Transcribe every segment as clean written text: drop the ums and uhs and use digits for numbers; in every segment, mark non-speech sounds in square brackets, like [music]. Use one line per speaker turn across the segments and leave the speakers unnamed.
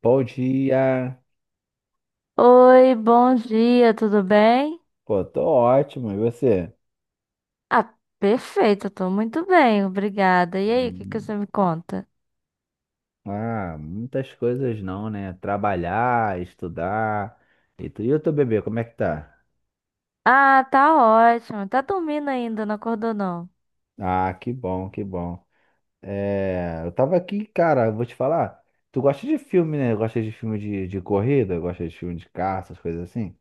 Bom dia.
Oi, bom dia, tudo bem?
Pô, tô ótimo. E você?
Ah, perfeito, tô muito bem, obrigada. E aí, o que que
Hum,
você me conta?
Ah, muitas coisas não, né? Trabalhar, estudar. E o teu bebê, como é que tá?
Ah, tá ótimo. Tá dormindo ainda, não acordou não?
Ah, que bom, que bom. É, eu tava aqui, cara, eu vou te falar. Tu gosta de filme, né? Gosta de filme de corrida? Gosta de filme de caça, essas coisas assim?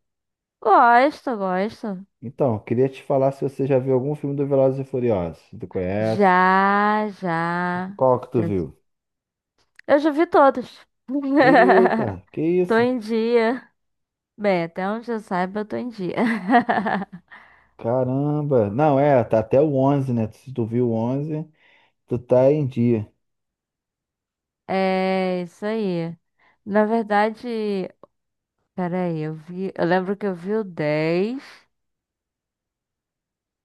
Gosto, gosto.
Então, eu queria te falar se você já viu algum filme do Velozes e Furiosos. Tu conhece?
Já, já,
Qual que tu
já.
viu?
Eu já vi todos. [laughs]
Eita, que
Tô
isso?
em dia. Bem, até onde eu saiba, eu tô em dia. [laughs]
Caramba. Não, é, tá até o 11, né? Se tu viu o 11, tu tá em dia.
É isso aí. Na verdade, peraí, eu vi, eu lembro que eu vi o 10.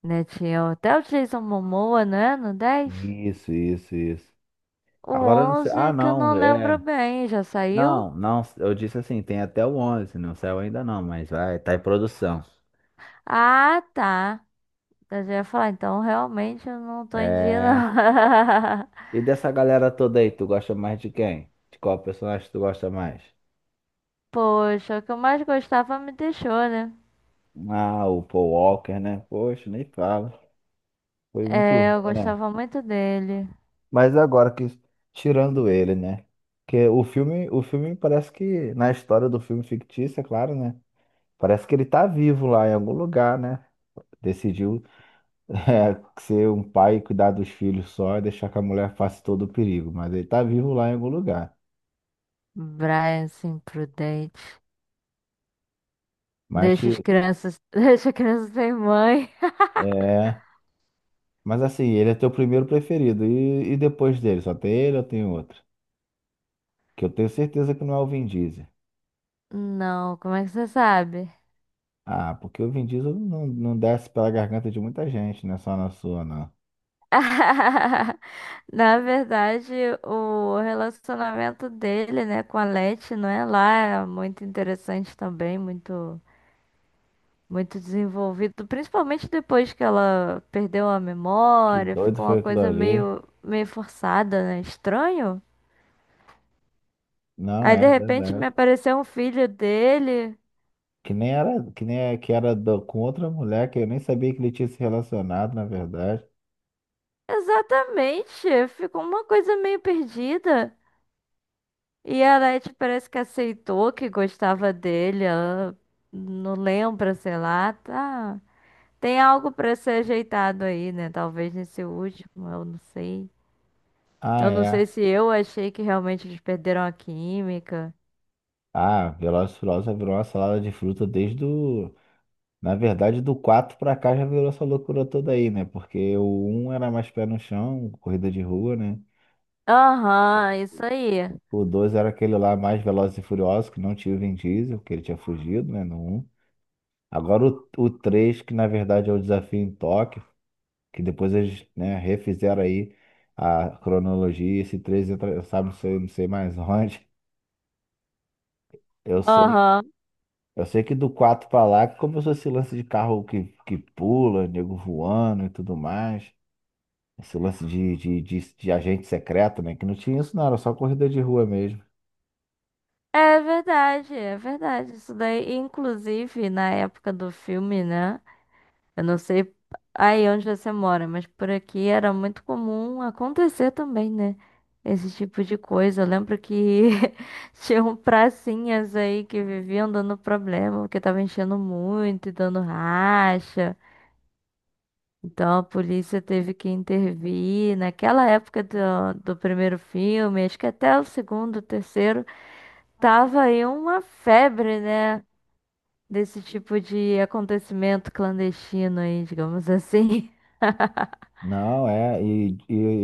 Né? Tinha até o Jason Momoa, né? No 10,
Isso, isso, isso.
o
Agora eu não sei.
11
Ah,
que eu não
não,
lembro
é.
bem, já saiu?
Não, não, eu disse assim, tem até o 11, não saiu ainda não, mas vai, tá em produção.
Ah, tá. Então, eu já ia falar, então realmente eu não tô em dia,
É.
não. [laughs]
E dessa galera toda aí, tu gosta mais de quem? De qual personagem tu gosta mais?
Poxa, o que eu mais gostava me deixou, né?
Ah, o Paul Walker, né? Poxa, nem fala. Foi muito
É, eu
ruim, né?
gostava muito dele.
Mas agora que tirando ele, né? Porque o filme parece que na história do filme fictício, é claro, né? Parece que ele tá vivo lá em algum lugar, né? Decidiu [laughs] é, ser um pai e cuidar dos filhos só e deixar que a mulher faça todo o perigo, mas ele tá vivo lá em algum lugar.
Brian, assim, prudente.
Mas
Deixa as
te-
crianças. [laughs] Deixa as crianças sem mãe. [laughs]
é, mas assim, ele é teu primeiro preferido e depois dele, só tem ele ou tem outro? Que eu tenho certeza que não é o Vin Diesel.
Não, como é que você sabe?
Ah, porque o Vin Diesel não desce pela garganta de muita gente, não é só na sua, não.
[laughs] Na verdade, o relacionamento dele, né, com a Leti, não é lá, é muito interessante também, muito muito desenvolvido, principalmente depois que ela perdeu a
Que
memória,
doido
ficou uma
foi aquilo
coisa
ali.
meio forçada, né? Estranho.
Não,
Aí de
é
repente me
verdade.
apareceu um filho dele.
Que nem era, que nem é, que era com outra mulher que eu nem sabia que ele tinha se relacionado, na verdade.
Exatamente, ficou uma coisa meio perdida. E a Leti parece que aceitou que gostava dele. Ela não lembra, sei lá. Tá. Tem algo pra ser ajeitado aí, né? Talvez nesse último, eu não sei.
Ah,
Eu não
é.
sei se eu achei que realmente eles perderam a química.
Ah, Velozes e Furiosos virou uma salada de fruta desde o. Na verdade, do 4 pra cá já virou essa loucura toda aí, né? Porque o um era mais pé no chão, corrida de rua, né?
Aham, isso aí.
O 2 era aquele lá mais Velozes e Furiosos, que não tinha o Vin Diesel, porque ele tinha fugido, né? No um. Agora o 3 que na verdade é o desafio em Tóquio. Que depois eles, né, refizeram aí a cronologia, esse 3 entra, sabe, não sei, não sei mais [laughs] onde. Eu sei,
Aham.
eu sei que do 4 pra lá que começou esse lance de carro que pula, nego voando e tudo mais. Esse lance de agente secreto, né? Que não tinha isso, não, era só corrida de rua mesmo.
É verdade, é verdade. Isso daí, inclusive, na época do filme, né? Eu não sei aí onde você mora, mas por aqui era muito comum acontecer também, né? Esse tipo de coisa. Eu lembro que [laughs] tinham pracinhas aí que viviam dando problema, porque tava enchendo muito e dando racha. Então a polícia teve que intervir. Naquela época do, do primeiro filme, acho que até o segundo, terceiro, tava aí uma febre, né? Desse tipo de acontecimento clandestino aí, digamos assim.
Não, é, e,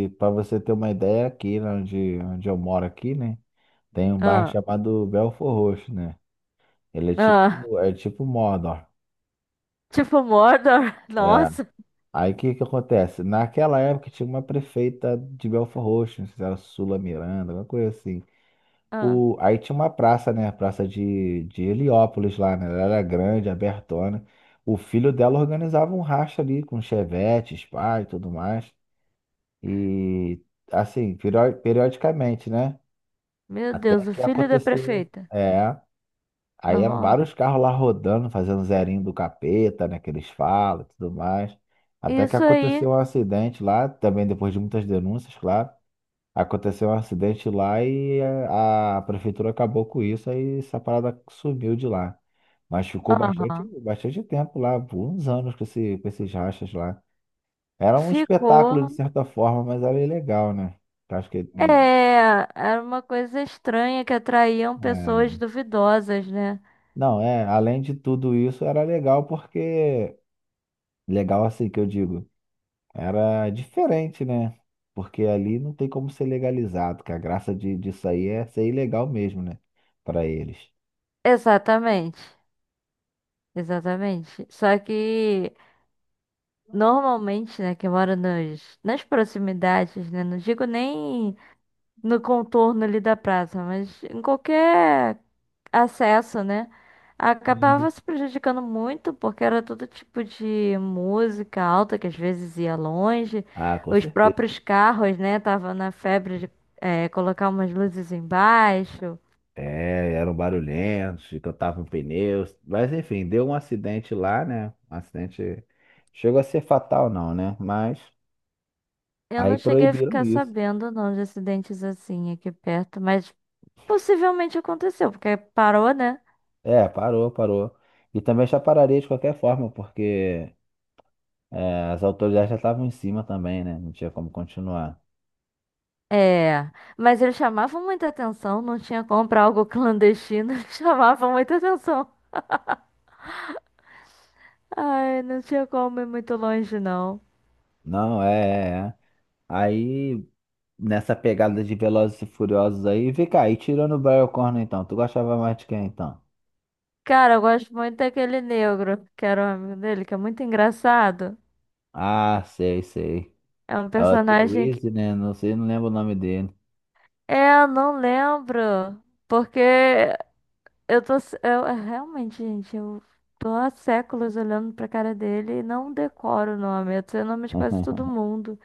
e para você ter uma ideia, aqui né, onde eu moro aqui, né? Tem um
[laughs]
bairro
Ah.
chamado Belfort Roxo, né? Ele é
Ah,
tipo, é tipo Mordor.
tipo Mordor. [laughs]
é,
Nossa.
Aí o que que acontece? Naquela época tinha uma prefeita de Belfort Roxo, não sei se era Sula Miranda, alguma coisa assim.
Ah,
Aí tinha uma praça, né? A praça de Heliópolis lá, né? Ela era grande, abertona. O filho dela organizava um racha ali com chevette, spa e tudo mais. E assim, periodicamente, né?
meu
Até
Deus, o
que
filho da
aconteceu.
prefeita.
É. Aí eram
Nossa.
vários carros lá rodando, fazendo zerinho do capeta, né? Que eles falam e tudo mais. Até que
Isso aí.
aconteceu um acidente lá, também depois de muitas denúncias, claro. Aconteceu um acidente lá e a prefeitura acabou com isso, aí essa parada sumiu de lá. Mas ficou bastante,
Aham.
bastante tempo lá, por uns anos com esses rachas lá. Era um
Ficou.
espetáculo de certa forma, mas era ilegal, né? Eu acho que
É, era uma coisa estranha que atraíam pessoas
eh,
duvidosas, né?
não, é, além de tudo isso, era legal porque. Legal assim que eu digo. Era diferente, né? Porque ali não tem como ser legalizado, que a graça disso aí é ser ilegal mesmo, né? Para eles.
Exatamente. Exatamente. Só que normalmente, né, que mora nas proximidades, né? Não digo nem no contorno ali da praça, mas em qualquer acesso, né? Acabava
Sim.
se prejudicando muito, porque era todo tipo de música alta, que às vezes ia longe.
Ah, com
Os
certeza.
próprios carros, né? Tava na febre de colocar umas luzes embaixo.
É, eram barulhentos, que em pneus. Mas enfim, deu um acidente lá, né? Um acidente. Chegou a ser fatal, não, né? Mas
Eu
aí
não cheguei a
proibiram
ficar
isso.
sabendo, não, de acidentes assim aqui perto, mas possivelmente aconteceu, porque parou, né?
É, parou, parou. E também já pararia de qualquer forma, porque as autoridades já estavam em cima também, né? Não tinha como continuar.
É, mas eles chamavam muita atenção, não tinha como pra algo clandestino, [laughs] chamavam muita atenção. Ai, não tinha como ir muito longe, não.
Não, é, é, é. Aí. Nessa pegada de Velozes e Furiosos aí. Vem cá, e tirando o Brian O'Connor então, tu gostava mais de quem então?
Cara, eu gosto muito daquele negro, que era um amigo dele, que é muito engraçado.
Ah, sei, sei.
É um
É o
personagem que.
Therese, né? Não sei, não lembro o nome dele.
É, eu não lembro. Porque eu tô. Eu, é, realmente, gente, eu tô há séculos olhando pra cara dele e não decoro o nome. Eu sei o nome de quase todo
[laughs]
mundo.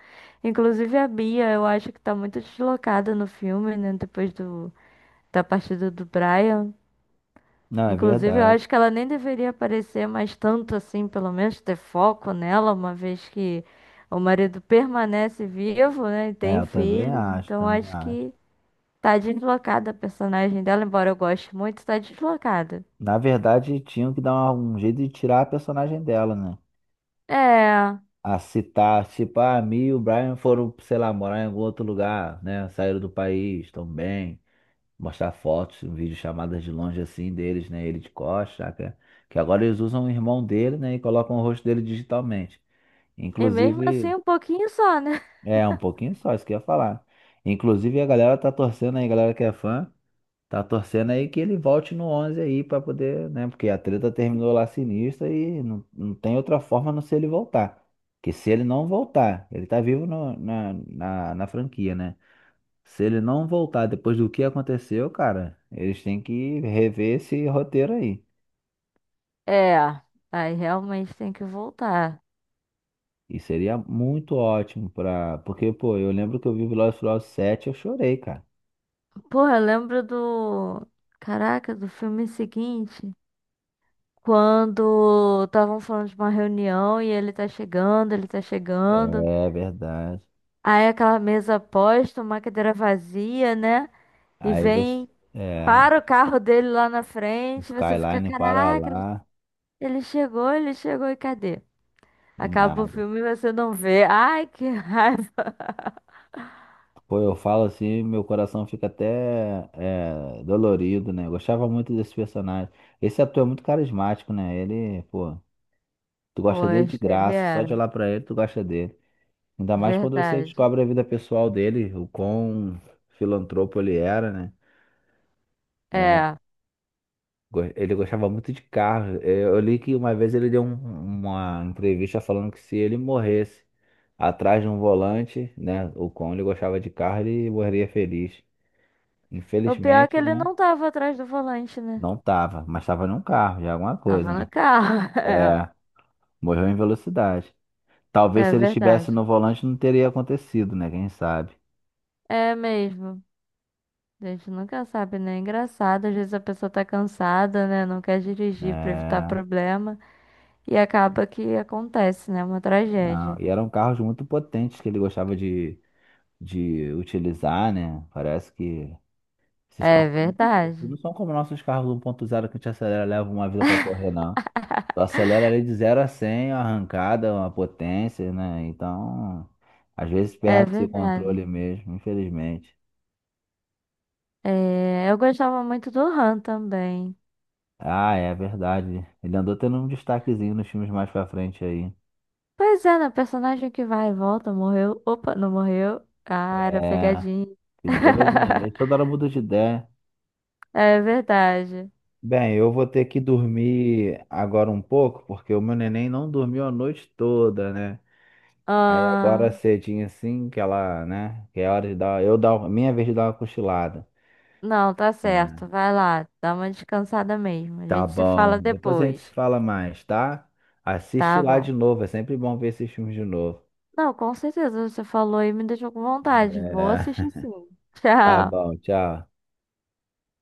Inclusive a Bia, eu acho que tá muito deslocada no filme, né? Depois do, da partida do Brian.
Não, é
Inclusive, eu
verdade.
acho que ela nem deveria aparecer mais tanto assim, pelo menos ter foco nela, uma vez que o marido permanece vivo, né, e
É,
tem
eu também
filhos.
acho,
Então,
também
acho
acho.
que tá deslocada a personagem dela, embora eu goste muito, tá deslocada.
Na verdade, tinham que dar um jeito de tirar a personagem dela, né?
É,
A citar, tipo, a Mi e o Brian foram, sei lá, morar em algum outro lugar, né? Saíram do país, estão bem. Mostrar fotos, um vídeo chamadas de longe assim deles, né? Ele de costas, saca? Que agora eles usam o irmão dele, né? E colocam o rosto dele digitalmente.
e mesmo assim
Inclusive,
um pouquinho só, né? [laughs]
é um pouquinho só, isso que eu ia falar. Inclusive, a galera tá torcendo aí, a galera que é fã, tá torcendo aí que ele volte no 11 aí pra poder, né? Porque a treta terminou lá sinistra e não tem outra forma a não ser ele voltar. Que se ele não voltar, ele tá vivo na franquia, né? Se ele não voltar depois do que aconteceu, cara, eles têm que rever esse roteiro aí.
É, aí realmente tem que voltar.
E seria muito ótimo pra. Porque, pô, eu lembro que eu vi Velozes e Furiosos 7, eu chorei, cara.
Porra, eu lembro do. Caraca, do filme seguinte. Quando estavam falando de uma reunião e ele tá chegando, ele tá chegando.
É verdade.
Aí aquela mesa posta, uma cadeira vazia, né? E
Aí você.
vem,
É,
para o carro dele lá na frente, e você fica,
Skyline para
caraca, ele
lá
ele chegou, ele chegou e cadê?
e
Acaba o
nada.
filme e você não vê. Ai, que [laughs] raiva.
Pô, eu falo assim, meu coração fica até dolorido, né? Eu gostava muito desse personagem. Esse ator é muito carismático, né? Ele, pô, tu gosta dele de
Poxa, ele
graça, só
era.
de olhar pra ele, tu gosta dele. Ainda mais quando você
Verdade.
descobre a vida pessoal dele, o quão filantropo ele era, né? É,
É.
ele gostava muito de carro. É, eu li que uma vez ele deu uma entrevista falando que se ele morresse atrás de um volante, né? O quão ele gostava de carro, ele morreria feliz.
O pior é que
Infelizmente,
ele
né?
não tava atrás do volante, né?
Não tava, mas tava num carro, já é alguma
Tava
coisa,
no
né?
carro. [laughs]
É, morreu em velocidade.
É,
Talvez
é
se ele estivesse
verdade.
no volante não teria acontecido, né? Quem sabe,
É mesmo. A gente nunca sabe, né? É engraçado, às vezes a pessoa tá cansada, né? Não quer dirigir pra evitar
né?
problema e acaba que acontece, né? Uma
Não,
tragédia.
e eram carros muito potentes que ele gostava de utilizar, né? Parece que esses
É
carros são muito, eles
verdade.
não são como nossos carros 1.0 que a gente acelera, leva uma vida para correr, não. Tu
[laughs]
acelera ali de 0 a 100 uma arrancada, uma potência, né? Então, às vezes
É
perde esse
verdade.
controle mesmo, infelizmente.
É, eu gostava muito do Han também.
Ah, é verdade. Ele andou tendo um destaquezinho nos filmes mais pra frente aí.
Pois é, né? Personagem que vai e volta, morreu. Opa, não morreu. Ah, era
É,
pegadinha.
que doido, né? Ele
[laughs]
toda hora muda de ideia.
É verdade.
Bem, eu vou ter que dormir agora um pouco, porque o meu neném não dormiu a noite toda, né? Aí agora
Ah,
cedinho assim, que ela, né? Que é hora de dar, eu dar, minha vez de dar uma cochilada.
não, tá
É,
certo. Vai lá, dá uma descansada mesmo. A
tá
gente se fala
bom. Depois a gente se
depois.
fala mais, tá? Assiste
Tá
lá
bom.
de novo, é sempre bom ver esses filmes de novo.
Não, com certeza você falou e me deixou com vontade. Vou
É,
assistir sim. [laughs]
tá
Tchau.
bom, tchau.